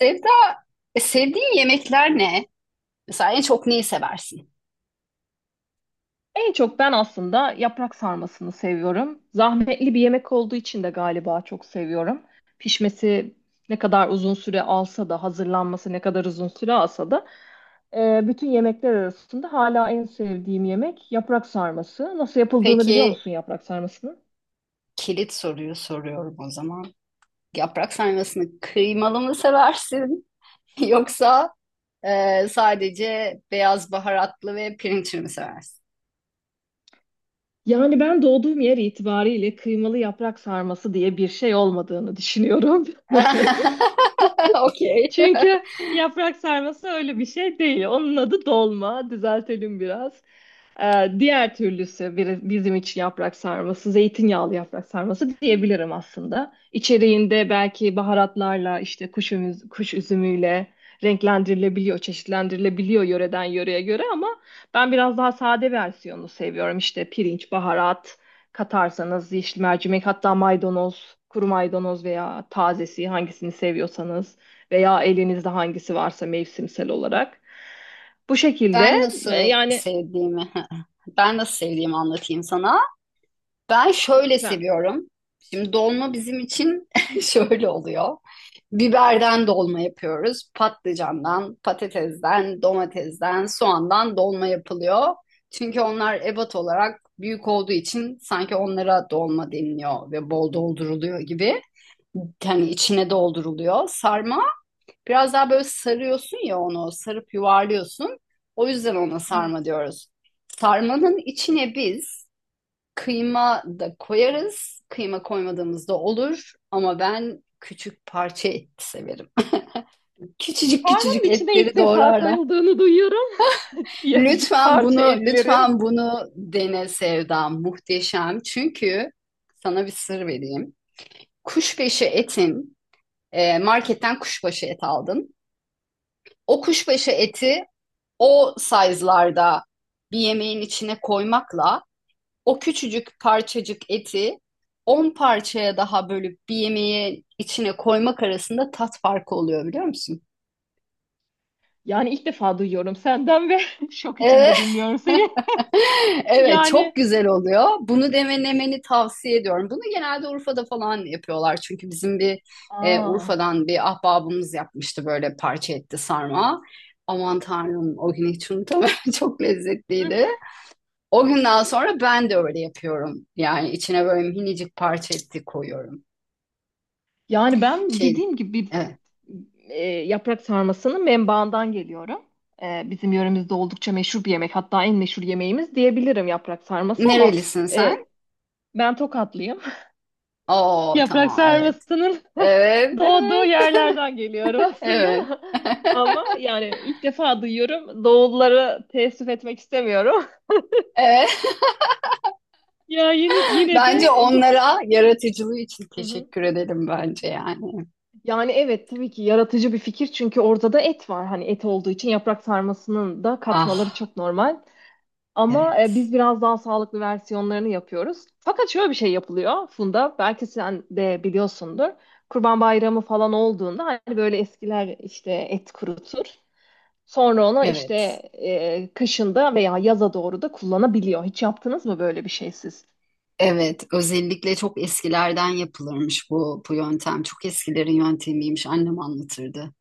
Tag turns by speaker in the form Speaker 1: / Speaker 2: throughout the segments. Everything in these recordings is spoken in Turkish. Speaker 1: Sevda, sevdiğin yemekler ne? Mesela en çok neyi seversin?
Speaker 2: En çok ben aslında yaprak sarmasını seviyorum. Zahmetli bir yemek olduğu için de galiba çok seviyorum. Pişmesi ne kadar uzun süre alsa da, hazırlanması ne kadar uzun süre alsa da bütün yemekler arasında hala en sevdiğim yemek yaprak sarması. Nasıl yapıldığını biliyor
Speaker 1: Peki
Speaker 2: musun yaprak sarmasının?
Speaker 1: kilit soruyu soruyorum o zaman. Yaprak sarmasını kıymalı mı seversin? Yoksa sadece beyaz baharatlı ve pirinçli mi seversin?
Speaker 2: Yani ben doğduğum yer itibariyle kıymalı yaprak sarması diye bir şey olmadığını düşünüyorum.
Speaker 1: Okey.
Speaker 2: Çünkü yaprak sarması öyle bir şey değil. Onun adı dolma. Düzeltelim biraz. Diğer türlüsü bizim için yaprak sarması, zeytinyağlı yaprak sarması diyebilirim aslında. İçeriğinde belki baharatlarla, işte kuş üzümüyle renklendirilebiliyor, çeşitlendirilebiliyor yöreden yöreye göre ama ben biraz daha sade versiyonunu seviyorum. İşte pirinç, baharat katarsanız, yeşil mercimek, hatta maydanoz, kuru maydanoz veya tazesi hangisini seviyorsanız veya elinizde hangisi varsa mevsimsel olarak. Bu şekilde
Speaker 1: Ben nasıl
Speaker 2: yani
Speaker 1: sevdiğimi, ben nasıl sevdiğimi anlatayım sana. Ben şöyle
Speaker 2: lütfen.
Speaker 1: seviyorum. Şimdi dolma bizim için şöyle oluyor. Biberden dolma yapıyoruz. Patlıcandan, patatesden, domatesden, soğandan dolma yapılıyor. Çünkü onlar ebat olarak büyük olduğu için sanki onlara dolma deniliyor ve bol dolduruluyor gibi. Yani içine dolduruluyor. Sarma biraz daha böyle sarıyorsun ya onu, sarıp yuvarlıyorsun. O yüzden ona
Speaker 2: Evet.
Speaker 1: sarma diyoruz. Sarmanın içine biz kıyma da koyarız. Kıyma koymadığımız da olur. Ama ben küçük parça et severim. Küçücük
Speaker 2: Karnın
Speaker 1: küçücük
Speaker 2: içine
Speaker 1: etleri
Speaker 2: ilk defa
Speaker 1: doğrarlar.
Speaker 2: koyulduğunu duyuyorum. Ya-
Speaker 1: Lütfen
Speaker 2: Parça
Speaker 1: bunu,
Speaker 2: etlerin.
Speaker 1: lütfen bunu dene Sevda. Muhteşem. Çünkü sana bir sır vereyim. Kuşbaşı etin, marketten kuşbaşı et aldın. O kuşbaşı eti o size'larda bir yemeğin içine koymakla o küçücük parçacık eti 10 parçaya daha bölüp bir yemeğe içine koymak arasında tat farkı oluyor biliyor musun?
Speaker 2: Yani ilk defa duyuyorum senden ve şok
Speaker 1: Evet.
Speaker 2: içinde dinliyorum seni.
Speaker 1: Evet çok
Speaker 2: Yani
Speaker 1: güzel oluyor. Bunu denemeni tavsiye ediyorum. Bunu genelde Urfa'da falan yapıyorlar. Çünkü
Speaker 2: Aa.
Speaker 1: Urfa'dan bir ahbabımız yapmıştı böyle parça etli sarma. Aman Tanrım o gün hiç unutamıyorum. Çok lezzetliydi. O günden sonra ben de öyle yapıyorum. Yani içine böyle minicik parça etti koyuyorum.
Speaker 2: Ben
Speaker 1: Şey,
Speaker 2: dediğim gibi
Speaker 1: evet.
Speaker 2: yaprak sarmasının menbaından geliyorum. Bizim yöremizde oldukça meşhur bir yemek. Hatta en meşhur yemeğimiz diyebilirim yaprak sarması ama
Speaker 1: Nerelisin
Speaker 2: e,
Speaker 1: sen?
Speaker 2: ben Tokatlıyım.
Speaker 1: Oo,
Speaker 2: Yaprak
Speaker 1: tamam, evet.
Speaker 2: sarmasının
Speaker 1: Evet,
Speaker 2: doğduğu
Speaker 1: evet,
Speaker 2: yerlerden geliyorum aslında.
Speaker 1: evet.
Speaker 2: Ama yani ilk defa duyuyorum. Doğulları teessüf etmek istemiyorum.
Speaker 1: Evet.
Speaker 2: Ya yine yine de
Speaker 1: Bence
Speaker 2: bu
Speaker 1: onlara yaratıcılığı için
Speaker 2: hı hı.
Speaker 1: teşekkür edelim bence yani.
Speaker 2: Yani evet tabii ki yaratıcı bir fikir çünkü orada da et var. Hani et olduğu için yaprak sarmasının da katmaları
Speaker 1: Ah,
Speaker 2: çok normal. Ama
Speaker 1: evet.
Speaker 2: biz biraz daha sağlıklı versiyonlarını yapıyoruz. Fakat şöyle bir şey yapılıyor Funda. Belki sen de biliyorsundur. Kurban Bayramı falan olduğunda hani böyle eskiler işte et kurutur. Sonra onu işte
Speaker 1: Evet.
Speaker 2: kışında veya yaza doğru da kullanabiliyor. Hiç yaptınız mı böyle bir şey siz?
Speaker 1: Evet, özellikle çok eskilerden yapılırmış bu yöntem. Çok eskilerin yöntemiymiş. Annem anlatırdı.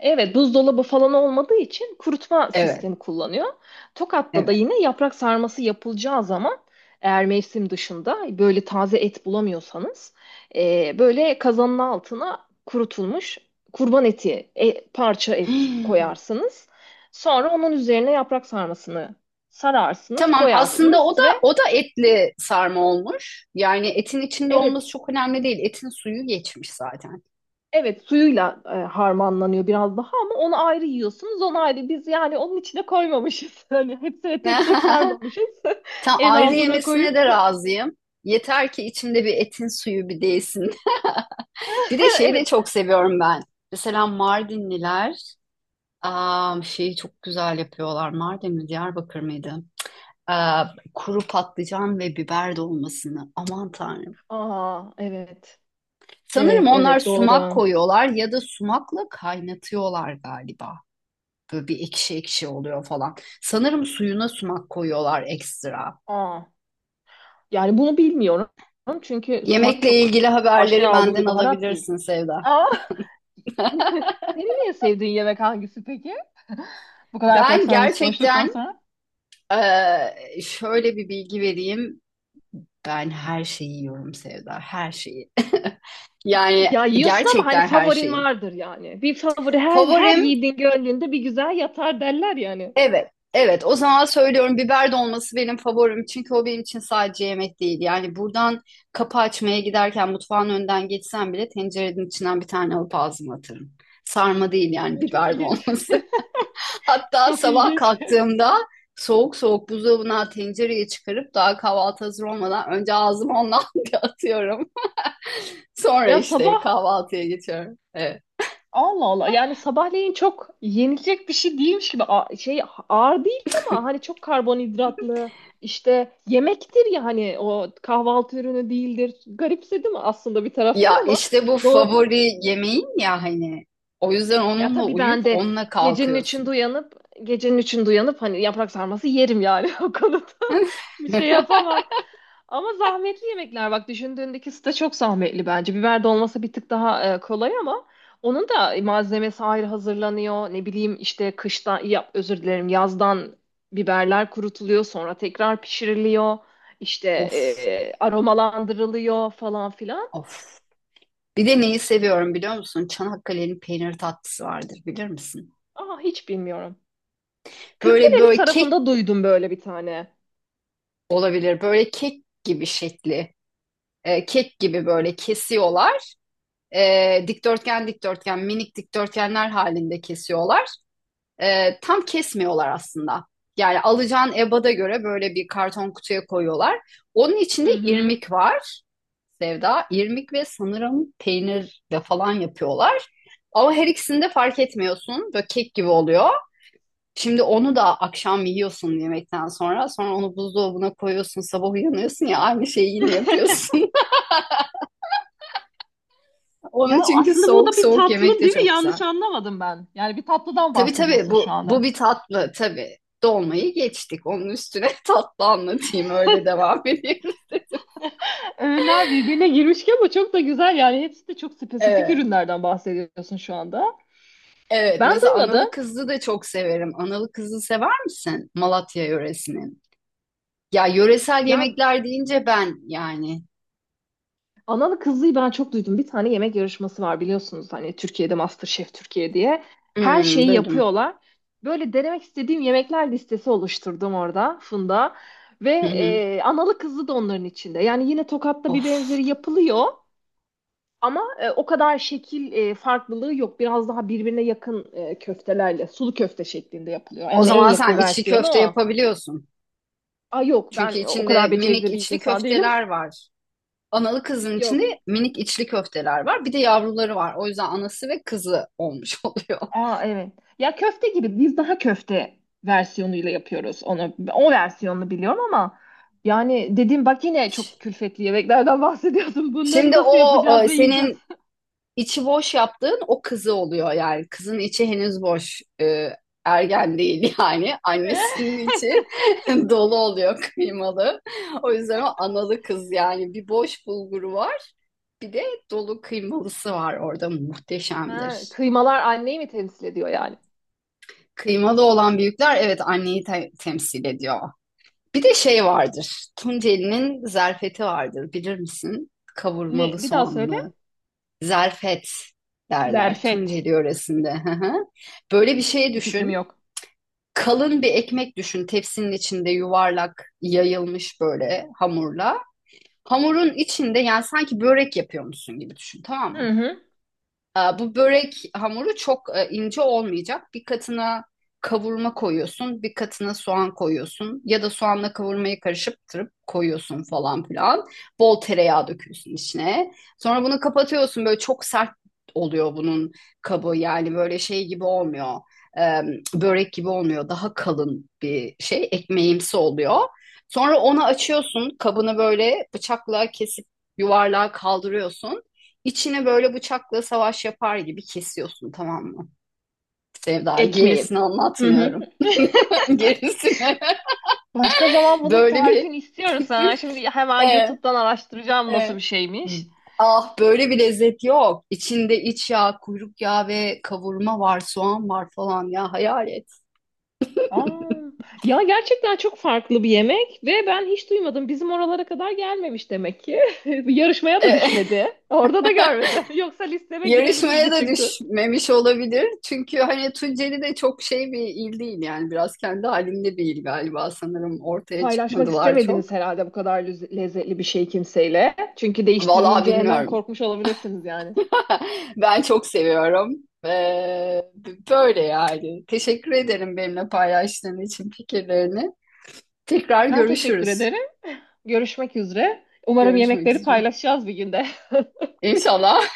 Speaker 2: Evet, buzdolabı falan olmadığı için kurutma
Speaker 1: Evet,
Speaker 2: sistemi kullanıyor. Tokat'ta da
Speaker 1: evet.
Speaker 2: yine yaprak sarması yapılacağı zaman eğer mevsim dışında böyle taze et bulamıyorsanız böyle kazanın altına kurutulmuş kurban eti, parça et
Speaker 1: Hmm.
Speaker 2: koyarsınız. Sonra onun üzerine yaprak sarmasını sararsınız,
Speaker 1: Tamam, aslında o
Speaker 2: koyarsınız
Speaker 1: da
Speaker 2: ve
Speaker 1: o da etli sarma olmuş. Yani etin içinde
Speaker 2: evet.
Speaker 1: olması çok önemli değil. Etin suyu geçmiş zaten.
Speaker 2: Evet, suyuyla harmanlanıyor biraz daha, ama onu ayrı yiyorsunuz, onu ayrı. Biz yani onun içine koymamışız, hani hepsine tek tek sarmamışız,
Speaker 1: Tam
Speaker 2: en
Speaker 1: ayrı
Speaker 2: altına
Speaker 1: yemesine de
Speaker 2: koyup
Speaker 1: razıyım. Yeter ki içimde bir etin suyu bir değsin. Bir de şeyi de
Speaker 2: evet.
Speaker 1: çok seviyorum ben. Mesela Mardinliler şeyi çok güzel yapıyorlar. Mardin mi Diyarbakır mıydı? Aa, kuru patlıcan ve biber dolmasını. Aman Tanrım.
Speaker 2: Aa, evet,
Speaker 1: Sanırım
Speaker 2: evet,
Speaker 1: onlar
Speaker 2: evet,
Speaker 1: sumak
Speaker 2: doğru.
Speaker 1: koyuyorlar ya da sumakla kaynatıyorlar galiba. Böyle bir ekşi ekşi oluyor falan. Sanırım suyuna sumak koyuyorlar ekstra.
Speaker 2: Aa, yani bunu bilmiyorum çünkü sumak
Speaker 1: Yemekle
Speaker 2: çok
Speaker 1: ilgili haberleri
Speaker 2: aşina olduğum
Speaker 1: benden
Speaker 2: bir baharat değil.
Speaker 1: alabilirsin Sevda.
Speaker 2: Aa. Senin en sevdiğin yemek hangisi peki? Bu kadar yaprak
Speaker 1: Ben
Speaker 2: sarması konuştuktan
Speaker 1: gerçekten
Speaker 2: sonra.
Speaker 1: şöyle bir bilgi vereyim. Ben her şeyi yiyorum Sevda, her şeyi. Yani
Speaker 2: Ya yiyorsun ama hani
Speaker 1: gerçekten her
Speaker 2: favorin
Speaker 1: şeyi.
Speaker 2: vardır yani. Bir favori, her
Speaker 1: Favorim,
Speaker 2: yiğidin gönlünde bir güzel yatar derler yani.
Speaker 1: evet. Evet, o zaman söylüyorum, biber dolması benim favorim. Çünkü o benim için sadece yemek değil. Yani buradan kapı açmaya giderken mutfağın önden geçsem bile tencerenin içinden bir tane alıp ağzıma atarım. Sarma değil yani,
Speaker 2: Ya çok
Speaker 1: biber
Speaker 2: ilginç.
Speaker 1: dolması. Hatta
Speaker 2: Çok
Speaker 1: sabah
Speaker 2: ilginç.
Speaker 1: kalktığımda soğuk soğuk buzdolabına tencereyi çıkarıp daha kahvaltı hazır olmadan önce ağzıma ondan bir atıyorum. Sonra
Speaker 2: Ya
Speaker 1: işte
Speaker 2: sabah
Speaker 1: kahvaltıya geçiyorum. Evet.
Speaker 2: Allah Allah, yani sabahleyin çok yenilecek bir şey değilmiş gibi şey, ağır değil ama hani çok karbonhidratlı işte yemektir ya, hani o kahvaltı ürünü değildir. Garipsedim aslında bir taraftan
Speaker 1: Ya
Speaker 2: ama
Speaker 1: işte bu
Speaker 2: do
Speaker 1: favori yemeğin ya hani, o yüzden
Speaker 2: ya
Speaker 1: onunla
Speaker 2: tabii
Speaker 1: uyuyup
Speaker 2: ben de
Speaker 1: onunla
Speaker 2: gecenin üçünde
Speaker 1: kalkıyorsun.
Speaker 2: uyanıp gecenin üçünde uyanıp hani yaprak sarması yerim yani, o konuda bir şey yapamam. Ama zahmetli yemekler bak, düşündüğündeki süte çok zahmetli bence. Biber dolması bir tık daha kolay ama onun da malzemesi ayrı hazırlanıyor. Ne bileyim işte kıştan yap özür dilerim yazdan biberler kurutuluyor, sonra tekrar pişiriliyor. İşte
Speaker 1: Of,
Speaker 2: aromalandırılıyor falan filan.
Speaker 1: of. Bir de neyi seviyorum biliyor musun? Çanakkale'nin peynir tatlısı vardır, bilir misin?
Speaker 2: Aa hiç bilmiyorum.
Speaker 1: Böyle
Speaker 2: Kırklareli
Speaker 1: böyle kek
Speaker 2: tarafında duydum böyle bir tane.
Speaker 1: olabilir. Böyle kek gibi şekli. Kek gibi böyle kesiyorlar. Dikdörtgen dikdörtgen minik dikdörtgenler halinde kesiyorlar. Tam kesmiyorlar aslında. Yani alacağın ebada göre böyle bir karton kutuya koyuyorlar. Onun
Speaker 2: Hı
Speaker 1: içinde
Speaker 2: hı.
Speaker 1: irmik var. Sevda, irmik ve sanırım peynirle falan yapıyorlar. Ama her ikisini de fark etmiyorsun. Böyle kek gibi oluyor. Şimdi onu da akşam yiyorsun yemekten sonra. Sonra onu buzdolabına koyuyorsun. Sabah uyanıyorsun ya, aynı şeyi yine yapıyorsun. Onu
Speaker 2: Ya
Speaker 1: çünkü
Speaker 2: aslında bu
Speaker 1: soğuk
Speaker 2: da bir
Speaker 1: soğuk yemek
Speaker 2: tatlı
Speaker 1: de
Speaker 2: değil mi?
Speaker 1: çok güzel.
Speaker 2: Yanlış anlamadım ben. Yani bir tatlıdan
Speaker 1: Tabii tabii,
Speaker 2: bahsediyorsun şu
Speaker 1: bu
Speaker 2: anda.
Speaker 1: bir tatlı tabii. Dolmayı geçtik. Onun üstüne tatlı anlatayım öyle devam edeyim.
Speaker 2: Öğünler birbirine girmiş ki ama çok da güzel. Yani hepsi de çok spesifik
Speaker 1: Evet.
Speaker 2: ürünlerden bahsediyorsun şu anda.
Speaker 1: Evet,
Speaker 2: Ben
Speaker 1: mesela
Speaker 2: duymadım.
Speaker 1: analı kızlı da çok severim. Analı kızlı sever misin? Malatya yöresinin. Ya yöresel
Speaker 2: Ya
Speaker 1: yemekler deyince ben yani.
Speaker 2: analı kızlıyı ben çok duydum. Bir tane yemek yarışması var biliyorsunuz. Hani Türkiye'de MasterChef Türkiye diye. Her
Speaker 1: Hmm,
Speaker 2: şeyi
Speaker 1: duydum.
Speaker 2: yapıyorlar. Böyle denemek istediğim yemekler listesi oluşturdum orada Funda. Ve
Speaker 1: Hı hı.
Speaker 2: analı kızlı da onların içinde. Yani yine Tokat'ta bir
Speaker 1: Of.
Speaker 2: benzeri yapılıyor. Ama o kadar şekil farklılığı yok. Biraz daha birbirine yakın köftelerle, sulu köfte şeklinde yapılıyor.
Speaker 1: O
Speaker 2: Yani en
Speaker 1: zaman
Speaker 2: yakın
Speaker 1: sen içli
Speaker 2: versiyonu
Speaker 1: köfte
Speaker 2: o.
Speaker 1: yapabiliyorsun.
Speaker 2: Aa yok,
Speaker 1: Çünkü
Speaker 2: ben o
Speaker 1: içinde
Speaker 2: kadar
Speaker 1: minik
Speaker 2: becerikli bir
Speaker 1: içli
Speaker 2: insan değilim.
Speaker 1: köfteler var. Analı kızın
Speaker 2: Yok.
Speaker 1: içinde minik içli köfteler var. Bir de yavruları var. O yüzden anası ve kızı olmuş oluyor.
Speaker 2: Aa evet. Ya köfte gibi, biz daha köfte versiyonuyla yapıyoruz onu. O versiyonunu biliyorum ama yani dedim bak, yine çok külfetli yemeklerden bahsediyorsun. Bunları
Speaker 1: Şimdi
Speaker 2: nasıl yapacağız ve yiyeceğiz?
Speaker 1: senin içi boş yaptığın o kızı oluyor yani. Kızın içi henüz boş. Ergen değil yani. Annesinin içi dolu oluyor kıymalı. O yüzden o analı kız yani. Bir boş bulguru var. Bir de dolu kıymalısı var, orada
Speaker 2: Ha,
Speaker 1: muhteşemdir.
Speaker 2: kıymalar anneyi mi temsil ediyor yani?
Speaker 1: Kıymalı olan büyükler, evet, anneyi temsil ediyor. Bir de şey vardır. Tunceli'nin zerfeti vardır bilir misin? Kavurmalı
Speaker 2: Ne? Bir daha söyle.
Speaker 1: soğanlı. Zarfet derler
Speaker 2: Zerfet.
Speaker 1: Tunceli yöresinde. Hı hı. Böyle bir şey
Speaker 2: Hiçbir fikrim
Speaker 1: düşün.
Speaker 2: yok.
Speaker 1: Kalın bir ekmek düşün, tepsinin içinde yuvarlak yayılmış böyle hamurla. Hamurun içinde yani sanki börek yapıyormuşsun gibi düşün, tamam
Speaker 2: Hı
Speaker 1: mı?
Speaker 2: hı.
Speaker 1: Bu börek hamuru çok ince olmayacak. Bir katına kavurma koyuyorsun, bir katına soğan koyuyorsun ya da soğanla kavurmayı karıştırıp koyuyorsun falan filan. Bol tereyağı döküyorsun içine. Sonra bunu kapatıyorsun. Böyle çok sert oluyor bunun kabı. Yani böyle şey gibi olmuyor. Ee, Börek gibi olmuyor. Daha kalın bir şey, ekmeğimsi oluyor. Sonra onu açıyorsun. Kabını böyle bıçakla kesip yuvarlağa kaldırıyorsun. İçine böyle bıçakla savaş yapar gibi kesiyorsun, tamam mı? Sevda,
Speaker 2: Ekmeğin.
Speaker 1: gerisini
Speaker 2: Hı hı.
Speaker 1: anlatmıyorum. Gerisini
Speaker 2: Başka zaman bunun
Speaker 1: böyle bir
Speaker 2: tarifini istiyorum sana. Şimdi hemen
Speaker 1: e,
Speaker 2: YouTube'dan araştıracağım nasıl bir
Speaker 1: e.
Speaker 2: şeymiş.
Speaker 1: Ah böyle bir lezzet yok. İçinde iç yağ, kuyruk yağı ve kavurma var, soğan var falan, ya hayal et.
Speaker 2: Aa, ya gerçekten çok farklı bir yemek ve ben hiç duymadım. Bizim oralara kadar gelmemiş demek ki. Yarışmaya da
Speaker 1: E,
Speaker 2: düşmedi. Orada da görmedim. Yoksa listeme
Speaker 1: Yarışmaya
Speaker 2: girebilirdi
Speaker 1: da
Speaker 2: çünkü.
Speaker 1: düşmemiş olabilir. Çünkü hani Tunceli de çok şey bir il değil yani, biraz kendi halinde bir il galiba, sanırım ortaya
Speaker 2: Paylaşmak
Speaker 1: çıkmadılar
Speaker 2: istemediniz
Speaker 1: çok.
Speaker 2: herhalde bu kadar lezzetli bir şey kimseyle. Çünkü
Speaker 1: Vallahi
Speaker 2: değiştirileceğinden
Speaker 1: bilmiyorum.
Speaker 2: korkmuş olabilirsiniz yani.
Speaker 1: Ben çok seviyorum. Ee, Böyle yani. Teşekkür ederim benimle paylaştığın için fikirlerini. Tekrar
Speaker 2: Ben teşekkür
Speaker 1: görüşürüz.
Speaker 2: ederim. Görüşmek üzere. Umarım
Speaker 1: Görüşmek
Speaker 2: yemekleri
Speaker 1: üzere.
Speaker 2: paylaşacağız bir günde.
Speaker 1: İnşallah